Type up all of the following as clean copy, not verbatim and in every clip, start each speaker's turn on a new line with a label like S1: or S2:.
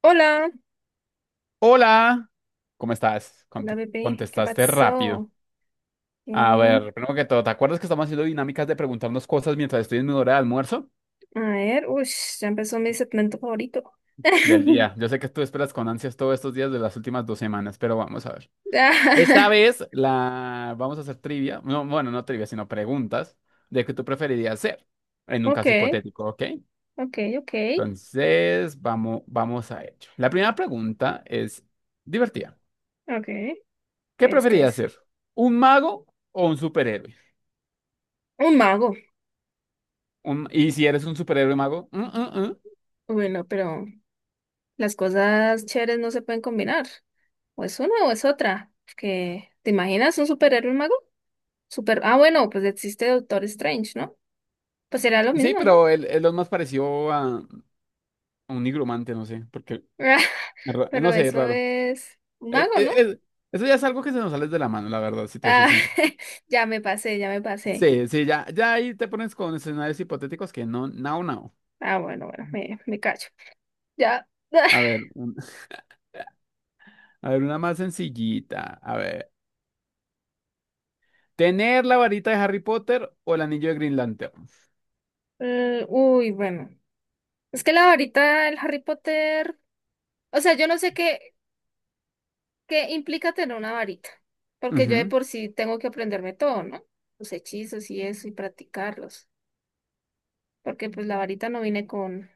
S1: Hola,
S2: Hola, ¿cómo estás?
S1: hola bebé, ¿qué
S2: Contestaste rápido.
S1: pasó?
S2: A
S1: Mm,
S2: ver, primero que todo, ¿te acuerdas que estamos haciendo dinámicas de preguntarnos cosas mientras estoy en mi hora de almuerzo
S1: a ver, uy, ya empezó mi segmento favorito.
S2: del día? Yo sé que tú esperas con ansias todos estos días de las últimas dos semanas, pero vamos a ver. Esta
S1: Ah,
S2: vez la vamos a hacer trivia, no, bueno, no trivia, sino preguntas de qué tú preferirías hacer en un caso
S1: Ok,
S2: hipotético, ¿ok?
S1: ok, ok,
S2: Entonces, vamos a ello. La primera pregunta es divertida.
S1: ok,
S2: ¿Qué
S1: ¿qué es, qué
S2: preferirías
S1: es?
S2: ser? ¿Un mago o un superhéroe?
S1: Un mago.
S2: Y si eres un superhéroe mago, mm, mm, mm.
S1: Bueno, pero las cosas chéveres no se pueden combinar. O es una o es otra. Que, ¿te imaginas un superhéroe, un mago? Super, ah, bueno, pues existe Doctor Strange, ¿no? Pues será lo
S2: Sí,
S1: mismo, ¿no?
S2: pero él es más parecido a un nigromante, no sé, porque, no
S1: Pero
S2: sé, es
S1: eso
S2: raro.
S1: es un
S2: Es-
S1: mago,
S2: es-
S1: ¿no?
S2: es- Eso ya es algo que se nos sale de la mano, la verdad, si te soy
S1: Ah,
S2: sincero.
S1: ya me pasé, ya me pasé.
S2: Sí, sí, ya ahí te pones con escenarios hipotéticos que no, no, no.
S1: Ah, bueno, bueno, me callo. Ya.
S2: A ver, a ver, una más sencillita. A ver, ¿tener la varita de Harry Potter o el anillo de Green Lantern?
S1: Uy, bueno. Es que la varita del Harry Potter. O sea, yo no sé qué implica tener una varita. Porque yo de
S2: Ujú.
S1: por sí tengo que aprenderme todo, ¿no? Los hechizos y eso y practicarlos. Porque pues la varita no viene con,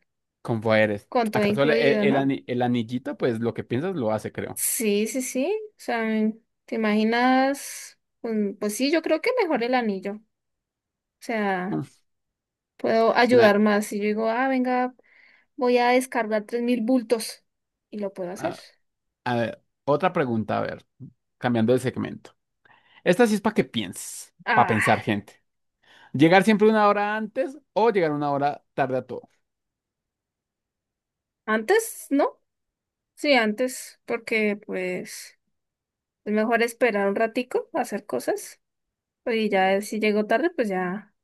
S2: Con poderes.
S1: con todo
S2: ¿Acaso el, el,
S1: incluido,
S2: el
S1: ¿no?
S2: ani- el anillito, pues lo que piensas lo hace, creo.
S1: Sí, sí, sí. O sea, ¿te imaginas? Pues, sí, yo creo que mejor el anillo. O sea,
S2: Mm.
S1: puedo
S2: Mira,
S1: ayudar más. Si yo digo, ah, venga. Voy a descargar 3.000 bultos y lo puedo hacer.
S2: a ver, otra pregunta, a ver, cambiando de segmento. Esta sí es para que pienses, para
S1: Ah,
S2: pensar, gente. ¿Llegar siempre una hora antes o llegar una hora tarde a todo?
S1: antes, ¿no? Sí, antes, porque pues es mejor esperar un ratico a hacer cosas. Y ya si llego tarde, pues ya,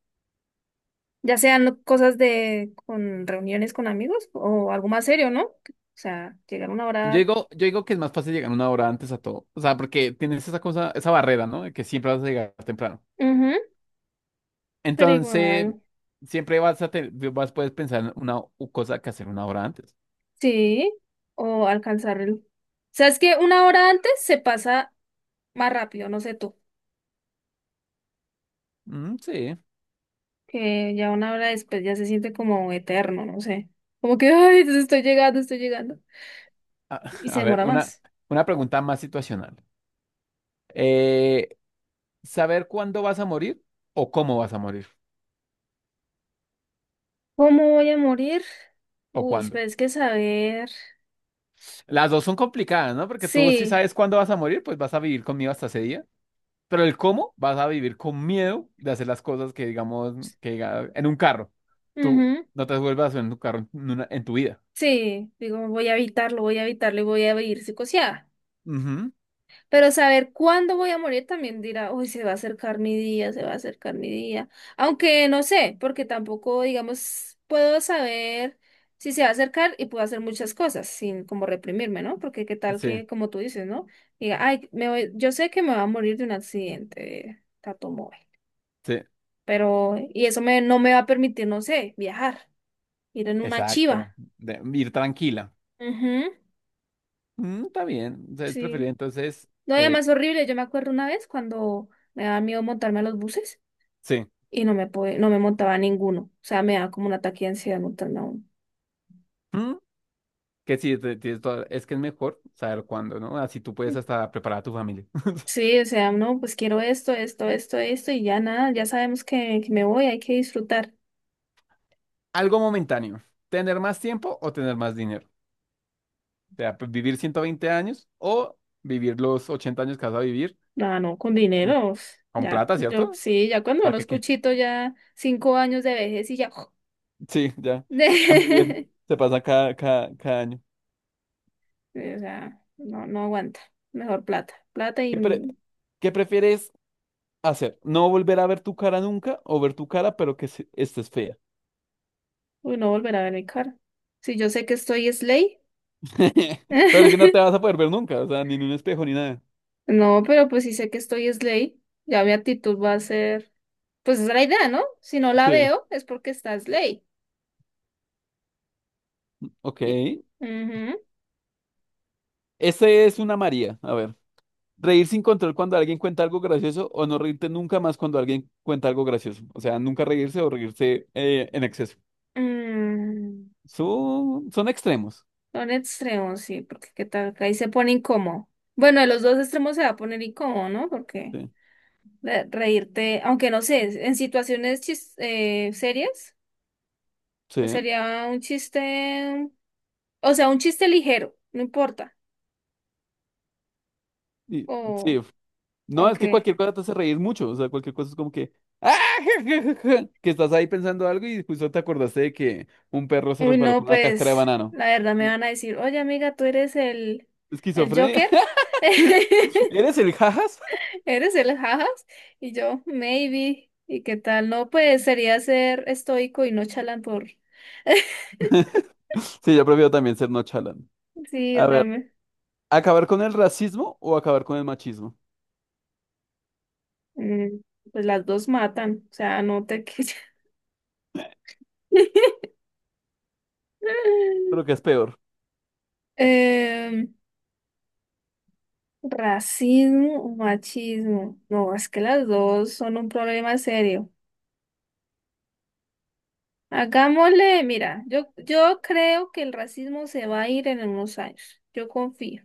S1: ya sean cosas de con reuniones con amigos o algo más serio, ¿no? O sea, llegar una
S2: Yo
S1: hora.
S2: digo, yo digo que es más fácil llegar una hora antes a todo. O sea, porque tienes esa cosa, esa barrera, ¿no? De que siempre vas a llegar temprano.
S1: Ujú, pero
S2: Entonces,
S1: igual.
S2: siempre vas a te- vas, puedes pensar cosa que hacer una hora antes.
S1: Sí, o alcanzar el... O sea, es que una hora antes se pasa más rápido, no sé tú.
S2: Mm, sí.
S1: Que ya una hora después ya se siente como eterno, no sé. Como que, ay, entonces estoy llegando, estoy llegando.
S2: A,
S1: Y se
S2: a ver,
S1: demora más.
S2: una pregunta más situacional. Eh, ¿Saber cuándo vas a morir o cómo vas a morir?
S1: ¿Cómo voy a morir?
S2: ¿O
S1: Uy,
S2: cuándo?
S1: pero es que saber.
S2: Las dos son complicadas, ¿no? Porque tú si
S1: Sí,
S2: sabes cuándo vas a morir, pues vas a vivir con miedo hasta ese día. Pero el cómo, vas a vivir con miedo de hacer las cosas que, digamos, en un carro. Tú
S1: ujú,
S2: no te vuelvas a subir en un carro en tu vida.
S1: sí, digo, voy a evitarlo y voy a vivir psicoseada.
S2: Ujú.
S1: Pero saber cuándo voy a morir también dirá, uy, se va a acercar mi día, se va a acercar mi día. Aunque no sé, porque tampoco, digamos, puedo saber si se va a acercar y puedo hacer muchas cosas sin como reprimirme, ¿no? Porque qué tal
S2: Sí,
S1: que, como tú dices, ¿no? Diga, ay, me voy, yo sé que me va a morir de un accidente de automóvil,
S2: sí,
S1: pero, y eso me, no me va a permitir, no sé, viajar, ir en una
S2: exacto.
S1: chiva.
S2: Ir tranquila.
S1: Ujú,
S2: Mm, está bien. O sea, es preferible
S1: sí.
S2: entonces,
S1: No, y
S2: eh,
S1: además horrible, yo me acuerdo una vez cuando me daba miedo montarme a los buses.
S2: sí.
S1: Y no me pude, no me montaba ninguno. O sea, me daba como un ataque de ansiedad montarme a uno.
S2: Mm, que sí, tienes es que es mejor saber cuándo, ¿no? Así tú puedes hasta preparar a tu familia.
S1: Sí, o sea, no, pues quiero esto, esto, esto, esto, y ya nada, ya sabemos que me voy, hay que disfrutar.
S2: Algo momentáneo. ¿Tener más tiempo o tener más dinero? Sea, pues, vivir 120 años o vivir los 80 años que vas a vivir,
S1: Ah, no, con
S2: mm,
S1: dinero. Uf,
S2: con
S1: ya,
S2: plata,
S1: yo
S2: ¿cierto?
S1: sí, ya cuando
S2: ¿Para
S1: uno
S2: qué qué?
S1: escuchito ya 5 años de vejez y ya.
S2: Sí, ya. A mí bien,
S1: de-
S2: se pasa cada año.
S1: sí, o sea, no, no aguanta. Mejor plata. Plata y
S2: ¿Qué, qué prefieres hacer? ¿No volver a ver tu cara nunca o ver tu cara pero estés fea?
S1: uy, no volver a ver mi cara. Si yo sé que estoy es ley.
S2: Pero es que no te vas a poder ver nunca, o sea, ni en un espejo ni nada.
S1: No, pero pues si sé que estoy es ley, ya mi actitud va a ser. Pues esa es la idea, ¿no? Si no la
S2: Sí,
S1: veo, es porque está Slay.
S2: ok.
S1: Y- Ujú.
S2: Este es una María, a ver. Reír sin control cuando alguien cuenta algo gracioso o no reírte nunca más cuando alguien cuenta algo gracioso. O sea, nunca reírse o reírse, en exceso.
S1: Mm,
S2: Son extremos.
S1: Son extremos, sí, porque qué tal que ahí se pone incómodo. Bueno, de los dos extremos se va a poner incómodo, ¿no? Porque
S2: Sí.
S1: reírte, aunque no sé, en situaciones serias, pues
S2: Sí.
S1: sería un chiste, o sea, un chiste ligero, no importa.
S2: Y-
S1: O,
S2: sí. No,
S1: o
S2: es que
S1: qué.
S2: cualquier cosa te hace reír mucho. O sea, cualquier cosa es como que. "Ah, que estás ahí pensando algo y justo te acordaste de que un perro se
S1: Uy,
S2: resbaló
S1: no,
S2: con una cáscara de
S1: pues
S2: banano.
S1: la verdad me
S2: Y-
S1: van a decir, oye amiga, tú eres el
S2: Esquizofrenia.
S1: Joker.
S2: ¿Eres el jajas?
S1: ¿Eres el jajas? Y yo, maybe. ¿Y qué tal? No, pues sería ser estoico y no chalán por...
S2: Sí, yo prefiero también ser no chalán.
S1: Sí, o
S2: A
S1: sea,
S2: ver, ¿acabar con el racismo o acabar con el machismo?
S1: mm, pues las dos matan. O sea, no te...
S2: Creo que es peor.
S1: Em, racismo o machismo. No, es que las dos son un problema serio. Hagámosle, mira, yo creo que el racismo se va a ir en unos años. Yo confío.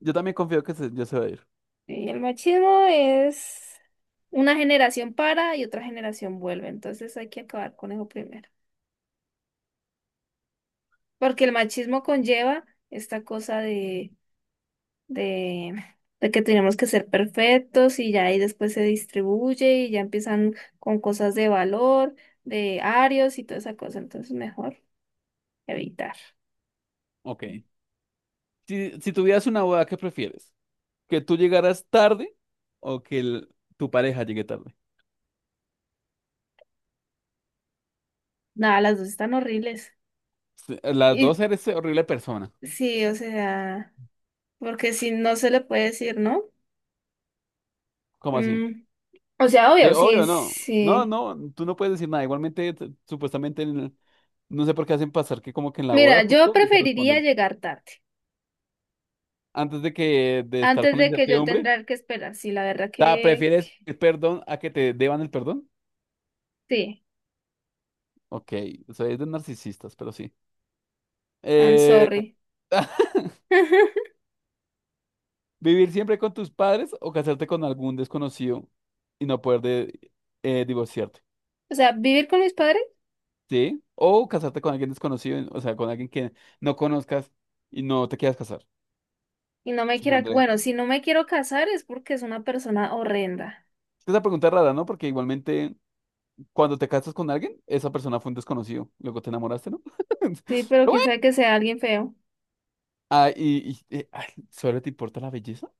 S2: Yo también confío que se, yo se va a ir.
S1: Y el machismo es una generación para y otra generación vuelve, entonces hay que acabar con eso primero. Porque el machismo conlleva esta cosa de, de que tenemos que ser perfectos y ya ahí después se distribuye y ya empiezan con cosas de valor, de arios y toda esa cosa, entonces mejor evitar.
S2: Ok. Si, si tuvieras una boda, ¿qué prefieres? ¿Que tú llegaras tarde o que tu pareja llegue tarde?
S1: Nada, las dos están horribles.
S2: Sí, las
S1: Y
S2: dos eres horrible persona.
S1: sí, o sea, porque si no se le puede decir, ¿no?
S2: ¿Cómo así?
S1: Mm, o sea, obvio,
S2: De
S1: sí,
S2: obvio, no. No,
S1: sí.
S2: no, tú no puedes decir nada. Igualmente, supuestamente, no sé por qué hacen pasar que como que en la
S1: Mira,
S2: boda
S1: yo
S2: justo nunca
S1: preferiría
S2: responden.
S1: llegar tarde,
S2: Antes de que de estar
S1: antes
S2: con la
S1: de que yo
S2: incertidumbre,
S1: tendrá que esperar. Sí, la verdad
S2: ta,
S1: que,
S2: ¿prefieres pedir perdón a que te deban el perdón?
S1: sí,
S2: Ok, soy de narcisistas, pero sí.
S1: I'm
S2: Eh,
S1: sorry.
S2: Vivir siempre con tus padres o casarte con algún desconocido y no divorciarte,
S1: O sea, vivir con mis padres
S2: ¿sí? O casarte con alguien desconocido, o sea, con alguien que no conozcas y no te quieras casar,
S1: y no me quiera,
S2: supondré.
S1: bueno, si no me quiero casar es porque es una persona horrenda.
S2: Es que esa pregunta es rara, ¿no? Porque igualmente cuando te casas con alguien, esa persona fue un desconocido, luego te enamoraste, ¿no? Pero
S1: Sí, pero
S2: bueno,
S1: quién sabe que sea alguien feo.
S2: ah, ay, ¿solo te importa la belleza?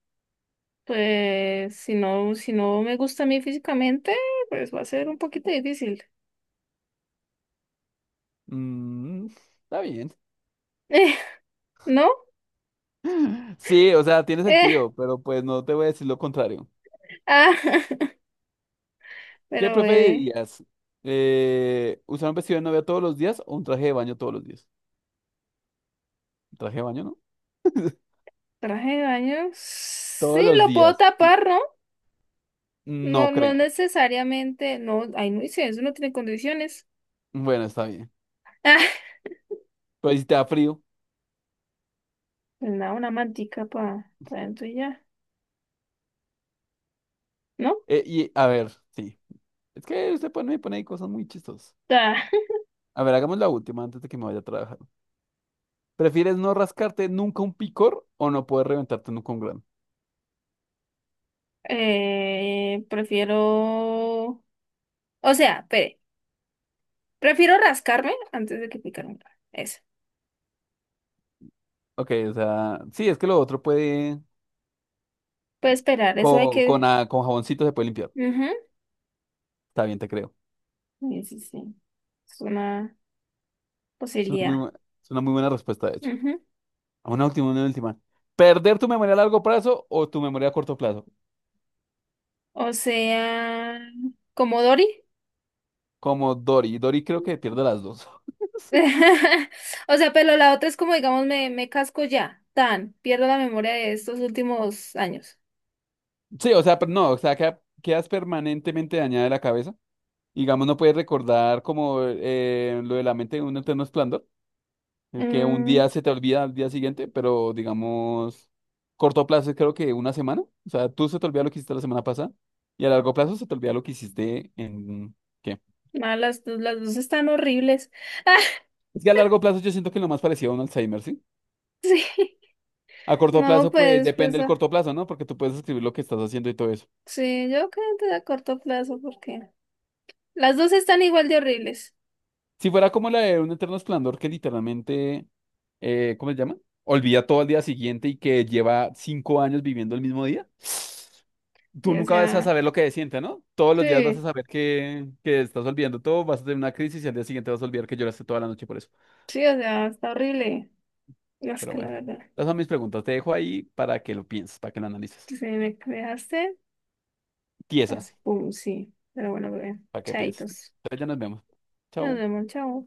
S1: Pues si no me gusta a mí físicamente, pues va a ser un poquito difícil.
S2: Mm, está bien.
S1: ¿no?
S2: Sí, o sea, tiene
S1: Eh,
S2: sentido, pero pues no te voy a decir lo contrario.
S1: ah,
S2: ¿Qué
S1: pero bebé,
S2: preferirías? ¿Usar un vestido de novia todos los días o un traje de baño todos los días? ¿Un traje de baño, no?
S1: traje de baño, sí
S2: Todos los
S1: lo puedo
S2: días.
S1: tapar, ¿no? No,
S2: No
S1: no
S2: creo.
S1: necesariamente, no, ay, no hice eso, no tiene condiciones.
S2: Bueno, está bien. Pero si te da frío.
S1: Ah, nada, una mantica para pa dentro y ya, ¿no?
S2: Y a ver, sí. Es que me pone ahí cosas muy chistosas.
S1: Ah,
S2: A ver, hagamos la última antes de que me vaya a trabajar. ¿Prefieres no rascarte nunca un picor o no poder reventarte nunca un grano?
S1: prefiero, o sea, espere, prefiero rascarme antes de que picarme. Eso.
S2: Ok, o sea, sí, es que lo otro puede.
S1: Puede esperar, eso hay
S2: Con,
S1: que.
S2: con jaboncito se puede limpiar.
S1: Ujú,
S2: Está bien, te creo.
S1: sí, sí, sí. Es una
S2: Es una
S1: posibilidad.
S2: es una muy buena respuesta, de hecho.
S1: Ujú.
S2: A una última, una última. ¿Perder tu memoria a largo plazo o tu memoria a corto plazo?
S1: O sea, como Dory.
S2: Como Dory. Dory creo que pierde las dos.
S1: O sea, pero la otra es como, digamos, me casco ya, tan, pierdo la memoria de estos últimos años.
S2: Sí, o sea, pero no, o sea, quedas permanentemente dañada de la cabeza. Digamos, no puedes recordar como, lo de la mente de un eterno esplendor, que un
S1: Mm,
S2: día se te olvida al día siguiente, pero digamos, corto plazo es creo que una semana. O sea, tú se te olvida lo que hiciste la semana pasada y a largo plazo se te olvida lo que hiciste en... ¿Qué?
S1: las dos están horribles. Ah,
S2: Es que a largo plazo yo siento que es lo más parecido a un Alzheimer, ¿sí?
S1: sí.
S2: A corto
S1: No,
S2: plazo, pues
S1: pues,
S2: depende del corto plazo, ¿no? Porque tú puedes escribir lo que estás haciendo y todo eso.
S1: sí, yo creo que a corto plazo, porque las dos están igual de horribles.
S2: Si fuera como la de Un Eterno Esplendor que literalmente, ¿cómo se llama? Olvida todo al día siguiente y que lleva 5 años viviendo el mismo día. Tú
S1: Sí, o
S2: nunca vas a
S1: sea,
S2: saber lo que siente, ¿no? Todos los días vas a
S1: sí,
S2: saber que estás olvidando todo, vas a tener una crisis y al día siguiente vas a olvidar que lloraste toda la noche por eso.
S1: sí, o sea, está horrible. No, es
S2: Pero
S1: que la
S2: bueno,
S1: verdad,
S2: esas son mis preguntas. Te dejo ahí para que lo pienses, para que lo analices.
S1: si me dejaste
S2: Tiesa,
S1: así, pum, sí. Pero bueno, bebé,
S2: para que pienses.
S1: chaitos.
S2: Entonces ya nos vemos.
S1: Nos
S2: Chao.
S1: vemos, chao.